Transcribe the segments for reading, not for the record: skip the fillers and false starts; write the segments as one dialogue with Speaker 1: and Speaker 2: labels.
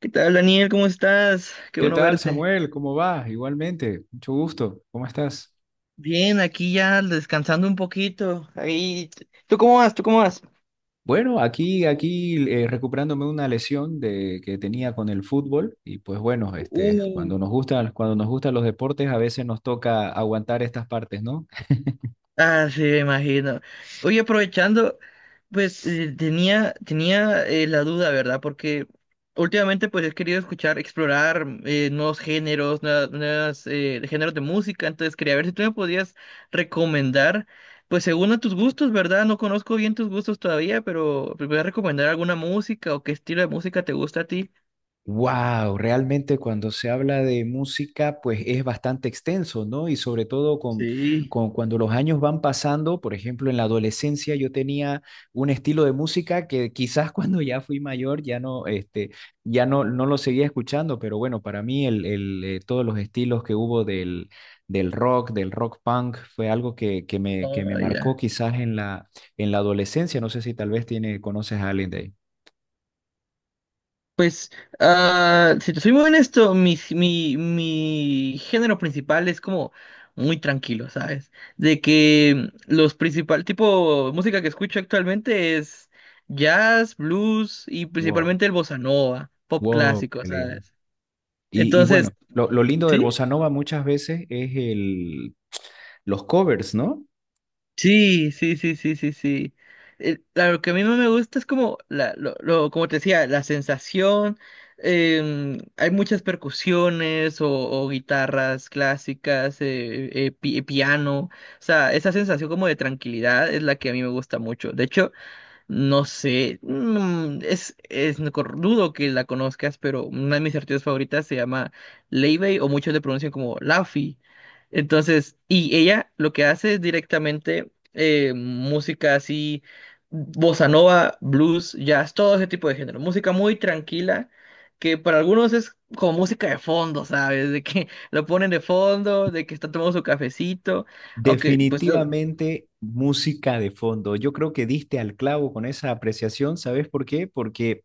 Speaker 1: ¿Qué tal, Daniel? ¿Cómo estás? Qué
Speaker 2: ¿Qué
Speaker 1: bueno
Speaker 2: tal,
Speaker 1: verte.
Speaker 2: Samuel? ¿Cómo vas? Igualmente, mucho gusto. ¿Cómo estás?
Speaker 1: Bien, aquí ya descansando un poquito. Ahí, ¿tú cómo vas?
Speaker 2: Bueno, aquí recuperándome una lesión de, que tenía con el fútbol y pues bueno, este,
Speaker 1: Uh,
Speaker 2: cuando nos gustan los deportes, a veces nos toca aguantar estas partes, ¿no?
Speaker 1: Ah, sí, me imagino. Oye, aprovechando, pues tenía la duda, ¿verdad? Porque últimamente pues he querido escuchar, explorar nuevos géneros, nuevas, nuevas, géneros de música, entonces quería ver si tú me podías recomendar, pues según a tus gustos, ¿verdad? No conozco bien tus gustos todavía, pero pues, ¿me puedes recomendar alguna música o qué estilo de música te gusta a ti?
Speaker 2: Wow, realmente cuando se habla de música, pues es bastante extenso, ¿no? Y sobre todo con,
Speaker 1: Sí.
Speaker 2: con cuando los años van pasando, por ejemplo, en la adolescencia yo tenía un estilo de música que quizás cuando ya fui mayor ya no, este, ya no, no lo seguía escuchando, pero bueno, para mí todos los estilos que hubo del rock, del rock punk, fue algo que me
Speaker 1: Ah,
Speaker 2: marcó
Speaker 1: ya.
Speaker 2: quizás en la adolescencia. No sé si tal vez tiene, conoces a alguien de ahí.
Speaker 1: Pues, ah, si te soy muy honesto, mi género principal es como muy tranquilo, ¿sabes? De que los principal tipo de música que escucho actualmente es jazz, blues y
Speaker 2: Wow,
Speaker 1: principalmente el bossa nova, pop
Speaker 2: wow,
Speaker 1: clásico,
Speaker 2: qué lindo.
Speaker 1: ¿sabes?
Speaker 2: Y bueno,
Speaker 1: Entonces,
Speaker 2: lo lindo del
Speaker 1: sí,
Speaker 2: bossa nova muchas veces es el, los covers, ¿no?
Speaker 1: Sí. Lo que a mí no me gusta es como, como te decía, la sensación. Hay muchas percusiones o guitarras clásicas, piano. O sea, esa sensación como de tranquilidad es la que a mí me gusta mucho. De hecho, no sé, es no cor- dudo que la conozcas, pero una de mis artistas favoritas se llama Leivey o muchos le pronuncian como Laffy. Entonces, y ella lo que hace es directamente música así, bossa nova, blues, jazz, todo ese tipo de género. Música muy tranquila, que para algunos es como música de fondo, ¿sabes? De que lo ponen de fondo, de que están tomando su cafecito, aunque pues yo...
Speaker 2: Definitivamente música de fondo. Yo creo que diste al clavo con esa apreciación, ¿sabes por qué? Porque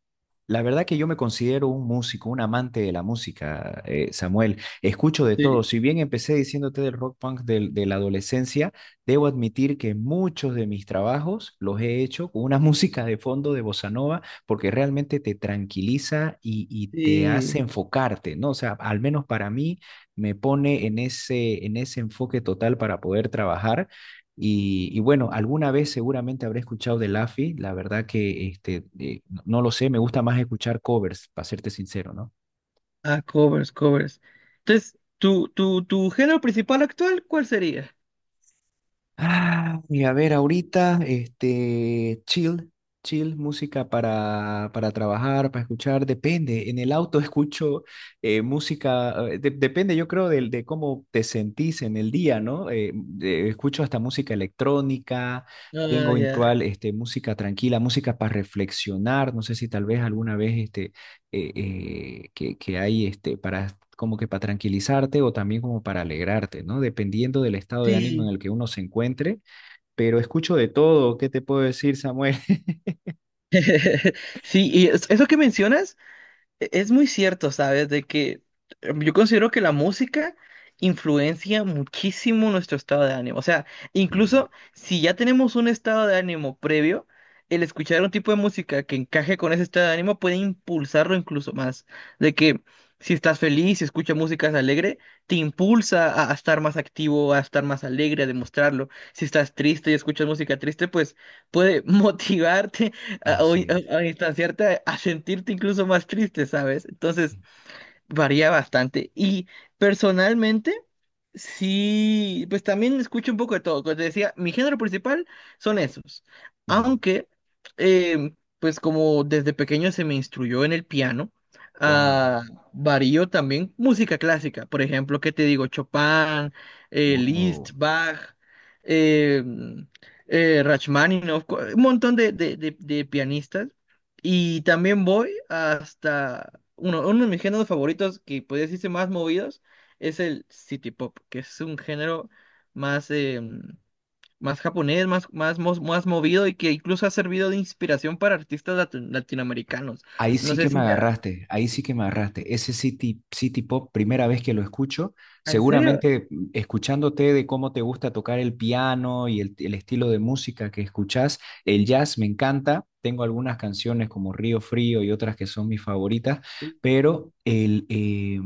Speaker 2: la verdad que yo me considero un músico, un amante de la música, Samuel. Escucho de todo.
Speaker 1: Sí,
Speaker 2: Si bien empecé diciéndote del rock punk del- de la adolescencia, debo admitir que muchos de mis trabajos los he hecho con una música de fondo de bossa nova, porque realmente te tranquiliza y te hace
Speaker 1: sí.
Speaker 2: enfocarte, ¿no? O sea, al menos para mí me pone en ese enfoque total para poder trabajar. Y, bueno, alguna vez seguramente habré escuchado de Laffy, la verdad que este, no lo sé, me gusta más escuchar covers, para serte sincero, ¿no?
Speaker 1: Ah, covers, covers. Entonces, ¿tu género principal actual, cuál sería?
Speaker 2: Ah, y a ver, ahorita, este, chill, chill, música para trabajar, para escuchar, depende. En el auto escucho música, de- depende, yo creo, del de cómo te sentís en el día, ¿no? De- escucho hasta música electrónica,
Speaker 1: Ah,
Speaker 2: tengo en cual,
Speaker 1: ya.
Speaker 2: este, música tranquila, música para reflexionar. No sé si tal vez alguna vez, este, que hay este, para, como que para tranquilizarte o también como para alegrarte, ¿no? Dependiendo del estado de ánimo en
Speaker 1: Sí.
Speaker 2: el que uno se encuentre, pero escucho de todo, ¿qué te puedo decir, Samuel?
Speaker 1: Sí, y eso que mencionas. Es muy cierto, ¿sabes? De que yo considero que la música influencia muchísimo nuestro estado de ánimo. O sea,
Speaker 2: Sí,
Speaker 1: incluso si ya tenemos un estado de ánimo previo, el escuchar un tipo de música que encaje con ese estado de ánimo puede impulsarlo incluso más. De que si estás feliz, si escuchas música alegre, te impulsa a estar más activo, a estar más alegre, a demostrarlo. Si estás triste y escuchas música triste, pues puede motivarte a,
Speaker 2: así es.
Speaker 1: a distanciarte, a sentirte incluso más triste, ¿sabes? Entonces,
Speaker 2: Sí.
Speaker 1: varía bastante. Y personalmente, sí, pues también escucho un poco de todo. Como te decía, mi género principal son esos.
Speaker 2: Ya.
Speaker 1: Aunque, eh, pues como desde pequeño se me instruyó en el piano,
Speaker 2: Wow.
Speaker 1: ah, varío también música clásica. Por ejemplo, ¿qué te digo? Chopin, Liszt,
Speaker 2: Wow.
Speaker 1: Bach, eh, Rachmaninoff, un montón de, de pianistas. Y también voy hasta uno de mis géneros favoritos, que podría decirse más movidos, es el city pop, que es un género más, más japonés, más movido y que incluso ha servido de inspiración para artistas latinoamericanos.
Speaker 2: Ahí
Speaker 1: No
Speaker 2: sí
Speaker 1: sé
Speaker 2: que me
Speaker 1: si... Ya.
Speaker 2: agarraste, ahí sí que me agarraste. Ese City, City Pop, primera vez que lo escucho,
Speaker 1: ¿En serio?
Speaker 2: seguramente mm, escuchándote de cómo te gusta tocar el piano y el estilo de música que escuchás, el jazz me encanta, tengo algunas canciones como Río Frío y otras que son mis favoritas,
Speaker 1: Sí,
Speaker 2: pero el,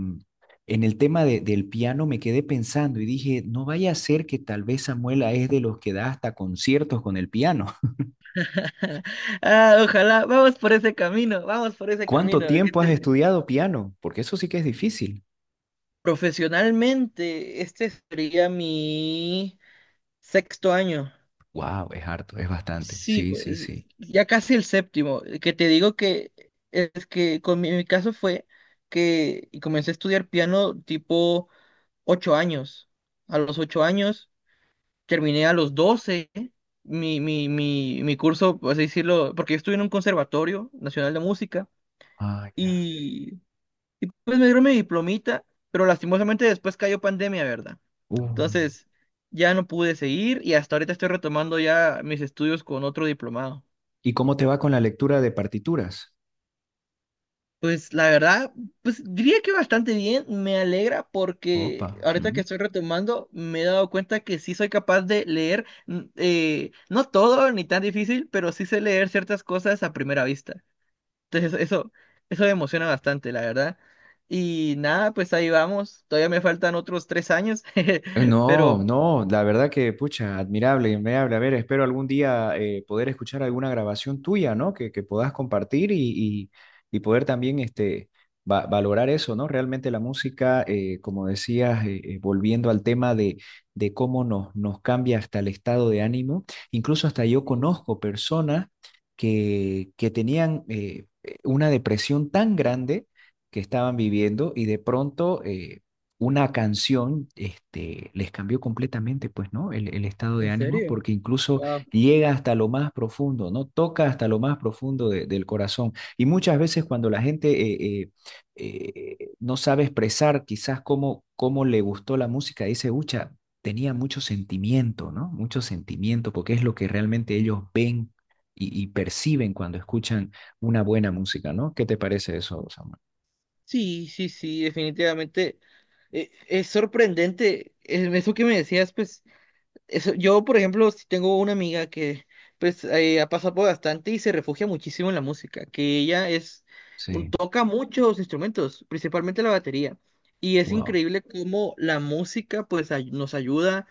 Speaker 2: en el tema de- del piano me quedé pensando y dije, no vaya a ser que tal vez Samuela es de los que da hasta conciertos con el piano.
Speaker 1: ah, ojalá, vamos por ese camino, vamos por ese
Speaker 2: ¿Cuánto
Speaker 1: camino. ¿Qué
Speaker 2: tiempo has
Speaker 1: te-
Speaker 2: estudiado piano? Porque eso sí que es difícil.
Speaker 1: profesionalmente, este sería mi sexto año.
Speaker 2: Wow, es harto, es bastante.
Speaker 1: Sí,
Speaker 2: Sí, sí,
Speaker 1: pues
Speaker 2: sí.
Speaker 1: ya casi el séptimo, que te digo que es que con mi caso fue que comencé a estudiar piano tipo ocho años. A los ocho años terminé a los doce mi curso, por así decirlo, porque yo estuve en un conservatorio nacional de música
Speaker 2: Ah, ya.
Speaker 1: y pues me dieron mi diplomita, pero lastimosamente después cayó pandemia, ¿verdad?
Speaker 2: Uh,
Speaker 1: Entonces ya no pude seguir y hasta ahorita estoy retomando ya mis estudios con otro diplomado.
Speaker 2: ¿y cómo te va con la lectura de partituras?
Speaker 1: Pues la verdad, pues diría que bastante bien, me alegra porque
Speaker 2: Opa.
Speaker 1: ahorita que estoy retomando me he dado cuenta que sí soy capaz de leer, no todo ni tan difícil, pero sí sé leer ciertas cosas a primera vista. Entonces eso me emociona bastante, la verdad. Y nada, pues ahí vamos, todavía me faltan otros tres años,
Speaker 2: No,
Speaker 1: pero...
Speaker 2: no, la verdad que, pucha, admirable, admirable. A ver, espero algún día poder escuchar alguna grabación tuya, ¿no? Que puedas compartir y- y poder también este, va- valorar eso, ¿no? Realmente la música, como decías, volviendo al tema de cómo nos, nos cambia hasta el estado de ánimo, incluso hasta yo
Speaker 1: Sí,
Speaker 2: conozco personas que tenían una depresión tan grande que estaban viviendo y de pronto... una canción este, les cambió completamente, pues, ¿no? El estado de
Speaker 1: ¿en
Speaker 2: ánimo,
Speaker 1: serio?
Speaker 2: porque incluso
Speaker 1: Wow.
Speaker 2: llega hasta lo más profundo, ¿no? Toca hasta lo más profundo de- del corazón. Y muchas veces cuando la gente eh, eh, no sabe expresar quizás cómo, cómo le gustó la música, dice, ucha, tenía mucho sentimiento, ¿no? Mucho sentimiento, porque es lo que realmente ellos ven y perciben cuando escuchan una buena música, ¿no? ¿Qué te parece eso, Samuel?
Speaker 1: Sí, sí, sí, definitivamente. Es sorprendente eso que me decías, pues yo, por ejemplo, sí tengo una amiga que pues ha pasado por bastante y se refugia muchísimo en la música, que ella es
Speaker 2: Sí,
Speaker 1: toca muchos instrumentos, principalmente la batería. Y es
Speaker 2: wow.
Speaker 1: increíble cómo la música pues nos ayuda,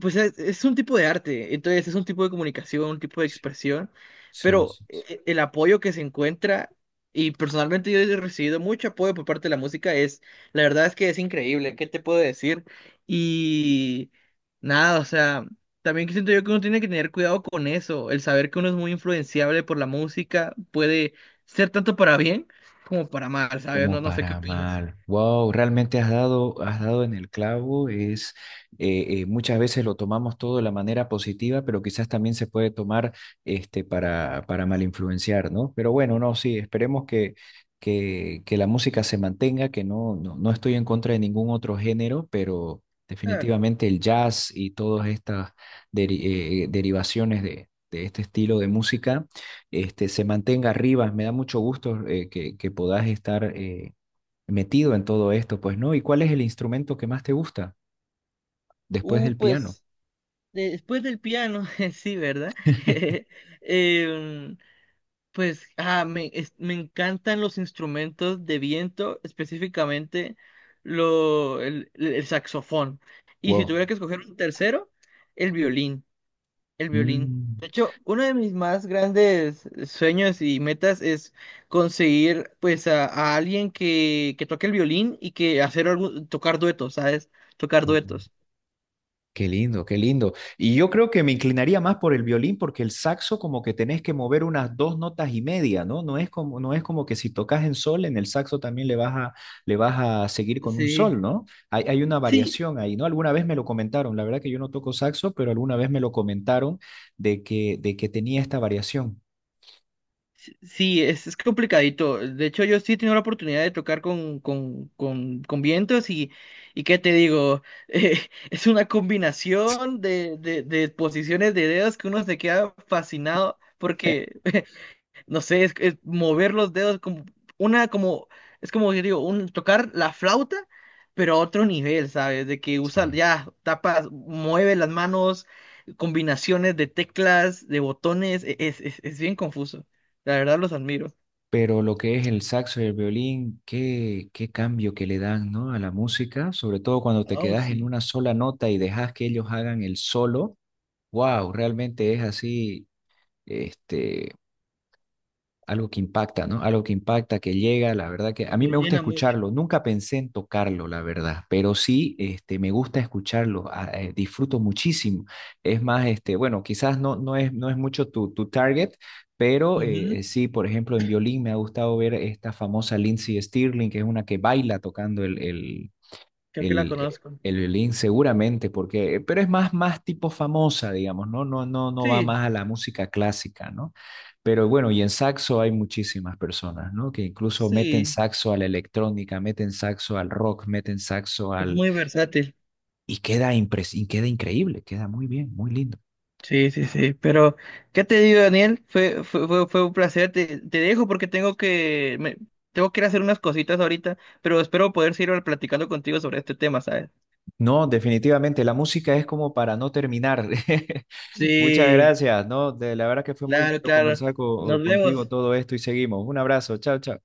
Speaker 1: pues es un tipo de arte, entonces es un tipo de comunicación, un tipo de
Speaker 2: Sí,
Speaker 1: expresión,
Speaker 2: sí,
Speaker 1: pero
Speaker 2: sí,
Speaker 1: el apoyo que se encuentra, y personalmente yo he recibido mucho apoyo por parte de la música, es, la verdad es que es increíble, ¿qué te puedo decir? Y nada, o sea... También siento yo que uno tiene que tener cuidado con eso, el saber que uno es muy influenciable por la música puede ser tanto para bien como para mal, ¿sabes?
Speaker 2: como
Speaker 1: No, no sé qué
Speaker 2: para
Speaker 1: opinas.
Speaker 2: mal. Wow, realmente has dado en el clavo. Es muchas veces lo tomamos todo de la manera positiva, pero quizás también se puede tomar este para mal influenciar, ¿no? Pero bueno, no, sí, esperemos que la música se mantenga, que no, no, no estoy en contra de ningún otro género, pero
Speaker 1: Claro.
Speaker 2: definitivamente el jazz y todas estas deri- derivaciones de este estilo de música este, se mantenga arriba. Me da mucho gusto que puedas estar metido en todo esto, pues, ¿no? ¿Y cuál es el instrumento que más te gusta después del piano?
Speaker 1: Pues después del piano, sí, ¿verdad? Em, pues ah, me, me encantan los instrumentos de viento, específicamente el saxofón. Y si
Speaker 2: Wow.
Speaker 1: tuviera que escoger un tercero, el violín. El violín.
Speaker 2: Mm.
Speaker 1: De hecho, uno de mis más grandes sueños y metas es conseguir pues a alguien que toque el violín y que hacer algo, tocar duetos, ¿sabes? Tocar
Speaker 2: Mm.
Speaker 1: duetos.
Speaker 2: Qué lindo, qué lindo. Y yo creo que me inclinaría más por el violín porque el saxo como que tenés que mover unas dos notas y media, ¿no? No es como, no es como que si tocas en sol, en el saxo también le vas a seguir con un
Speaker 1: Sí.
Speaker 2: sol, ¿no? Hay una
Speaker 1: Sí,
Speaker 2: variación ahí, ¿no? Alguna vez me lo comentaron, la verdad que yo no toco saxo, pero alguna vez me lo comentaron de que tenía esta variación.
Speaker 1: sí, sí, es complicadito. De hecho, yo sí he tenido la oportunidad de tocar con, con vientos y ¿qué te digo? Eh, es una combinación de, de posiciones de dedos que uno se queda fascinado porque no sé, es mover los dedos como una, como, es como que digo, un, tocar la flauta, pero a otro nivel, ¿sabes? De que usa,
Speaker 2: Sí.
Speaker 1: ya, tapas, mueve las manos, combinaciones de teclas, de botones, es bien confuso. La verdad los admiro.
Speaker 2: Pero lo que es el saxo y el violín, qué, qué cambio que le dan, ¿no? A la música, sobre todo cuando te
Speaker 1: Oh,
Speaker 2: quedas en
Speaker 1: sí,
Speaker 2: una sola nota y dejas que ellos hagan el solo. Wow, realmente es así, este, algo que impacta, ¿no? Algo que impacta, que llega, la verdad que a mí
Speaker 1: lo
Speaker 2: me gusta
Speaker 1: llena mucho.
Speaker 2: escucharlo. Nunca pensé en tocarlo, la verdad, pero sí, este, me gusta escucharlo, a- disfruto muchísimo. Es más, este, bueno, quizás no, no es, no es mucho tu, tu target, pero
Speaker 1: Ujú,
Speaker 2: sí, por ejemplo, en violín me ha gustado ver esta famosa Lindsey Stirling, que es una que baila tocando
Speaker 1: creo que la
Speaker 2: el,
Speaker 1: conozco.
Speaker 2: el violín seguramente, porque, pero es más, más tipo famosa, digamos, ¿no? No, no, no va
Speaker 1: Sí,
Speaker 2: más a la música clásica, ¿no? Pero bueno, y en saxo hay muchísimas personas, ¿no? Que incluso meten
Speaker 1: sí,
Speaker 2: saxo a la electrónica, meten saxo al rock, meten saxo
Speaker 1: es
Speaker 2: al...
Speaker 1: muy versátil.
Speaker 2: Y queda, impres... y queda increíble, queda muy bien, muy lindo.
Speaker 1: Sí, sí, sí. Pero, ¿qué te digo, Daniel? Fue un placer. Te dejo porque tengo que, tengo que ir a hacer unas cositas ahorita, pero espero poder seguir platicando contigo sobre este tema, ¿sabes?
Speaker 2: No, definitivamente, la música es como para no terminar. Muchas
Speaker 1: Sí,
Speaker 2: gracias, ¿no? De, la verdad que fue muy
Speaker 1: claro,
Speaker 2: lindo
Speaker 1: claro.
Speaker 2: conversar co-
Speaker 1: Nos
Speaker 2: contigo
Speaker 1: vemos.
Speaker 2: todo esto y seguimos. Un abrazo, chao, chao.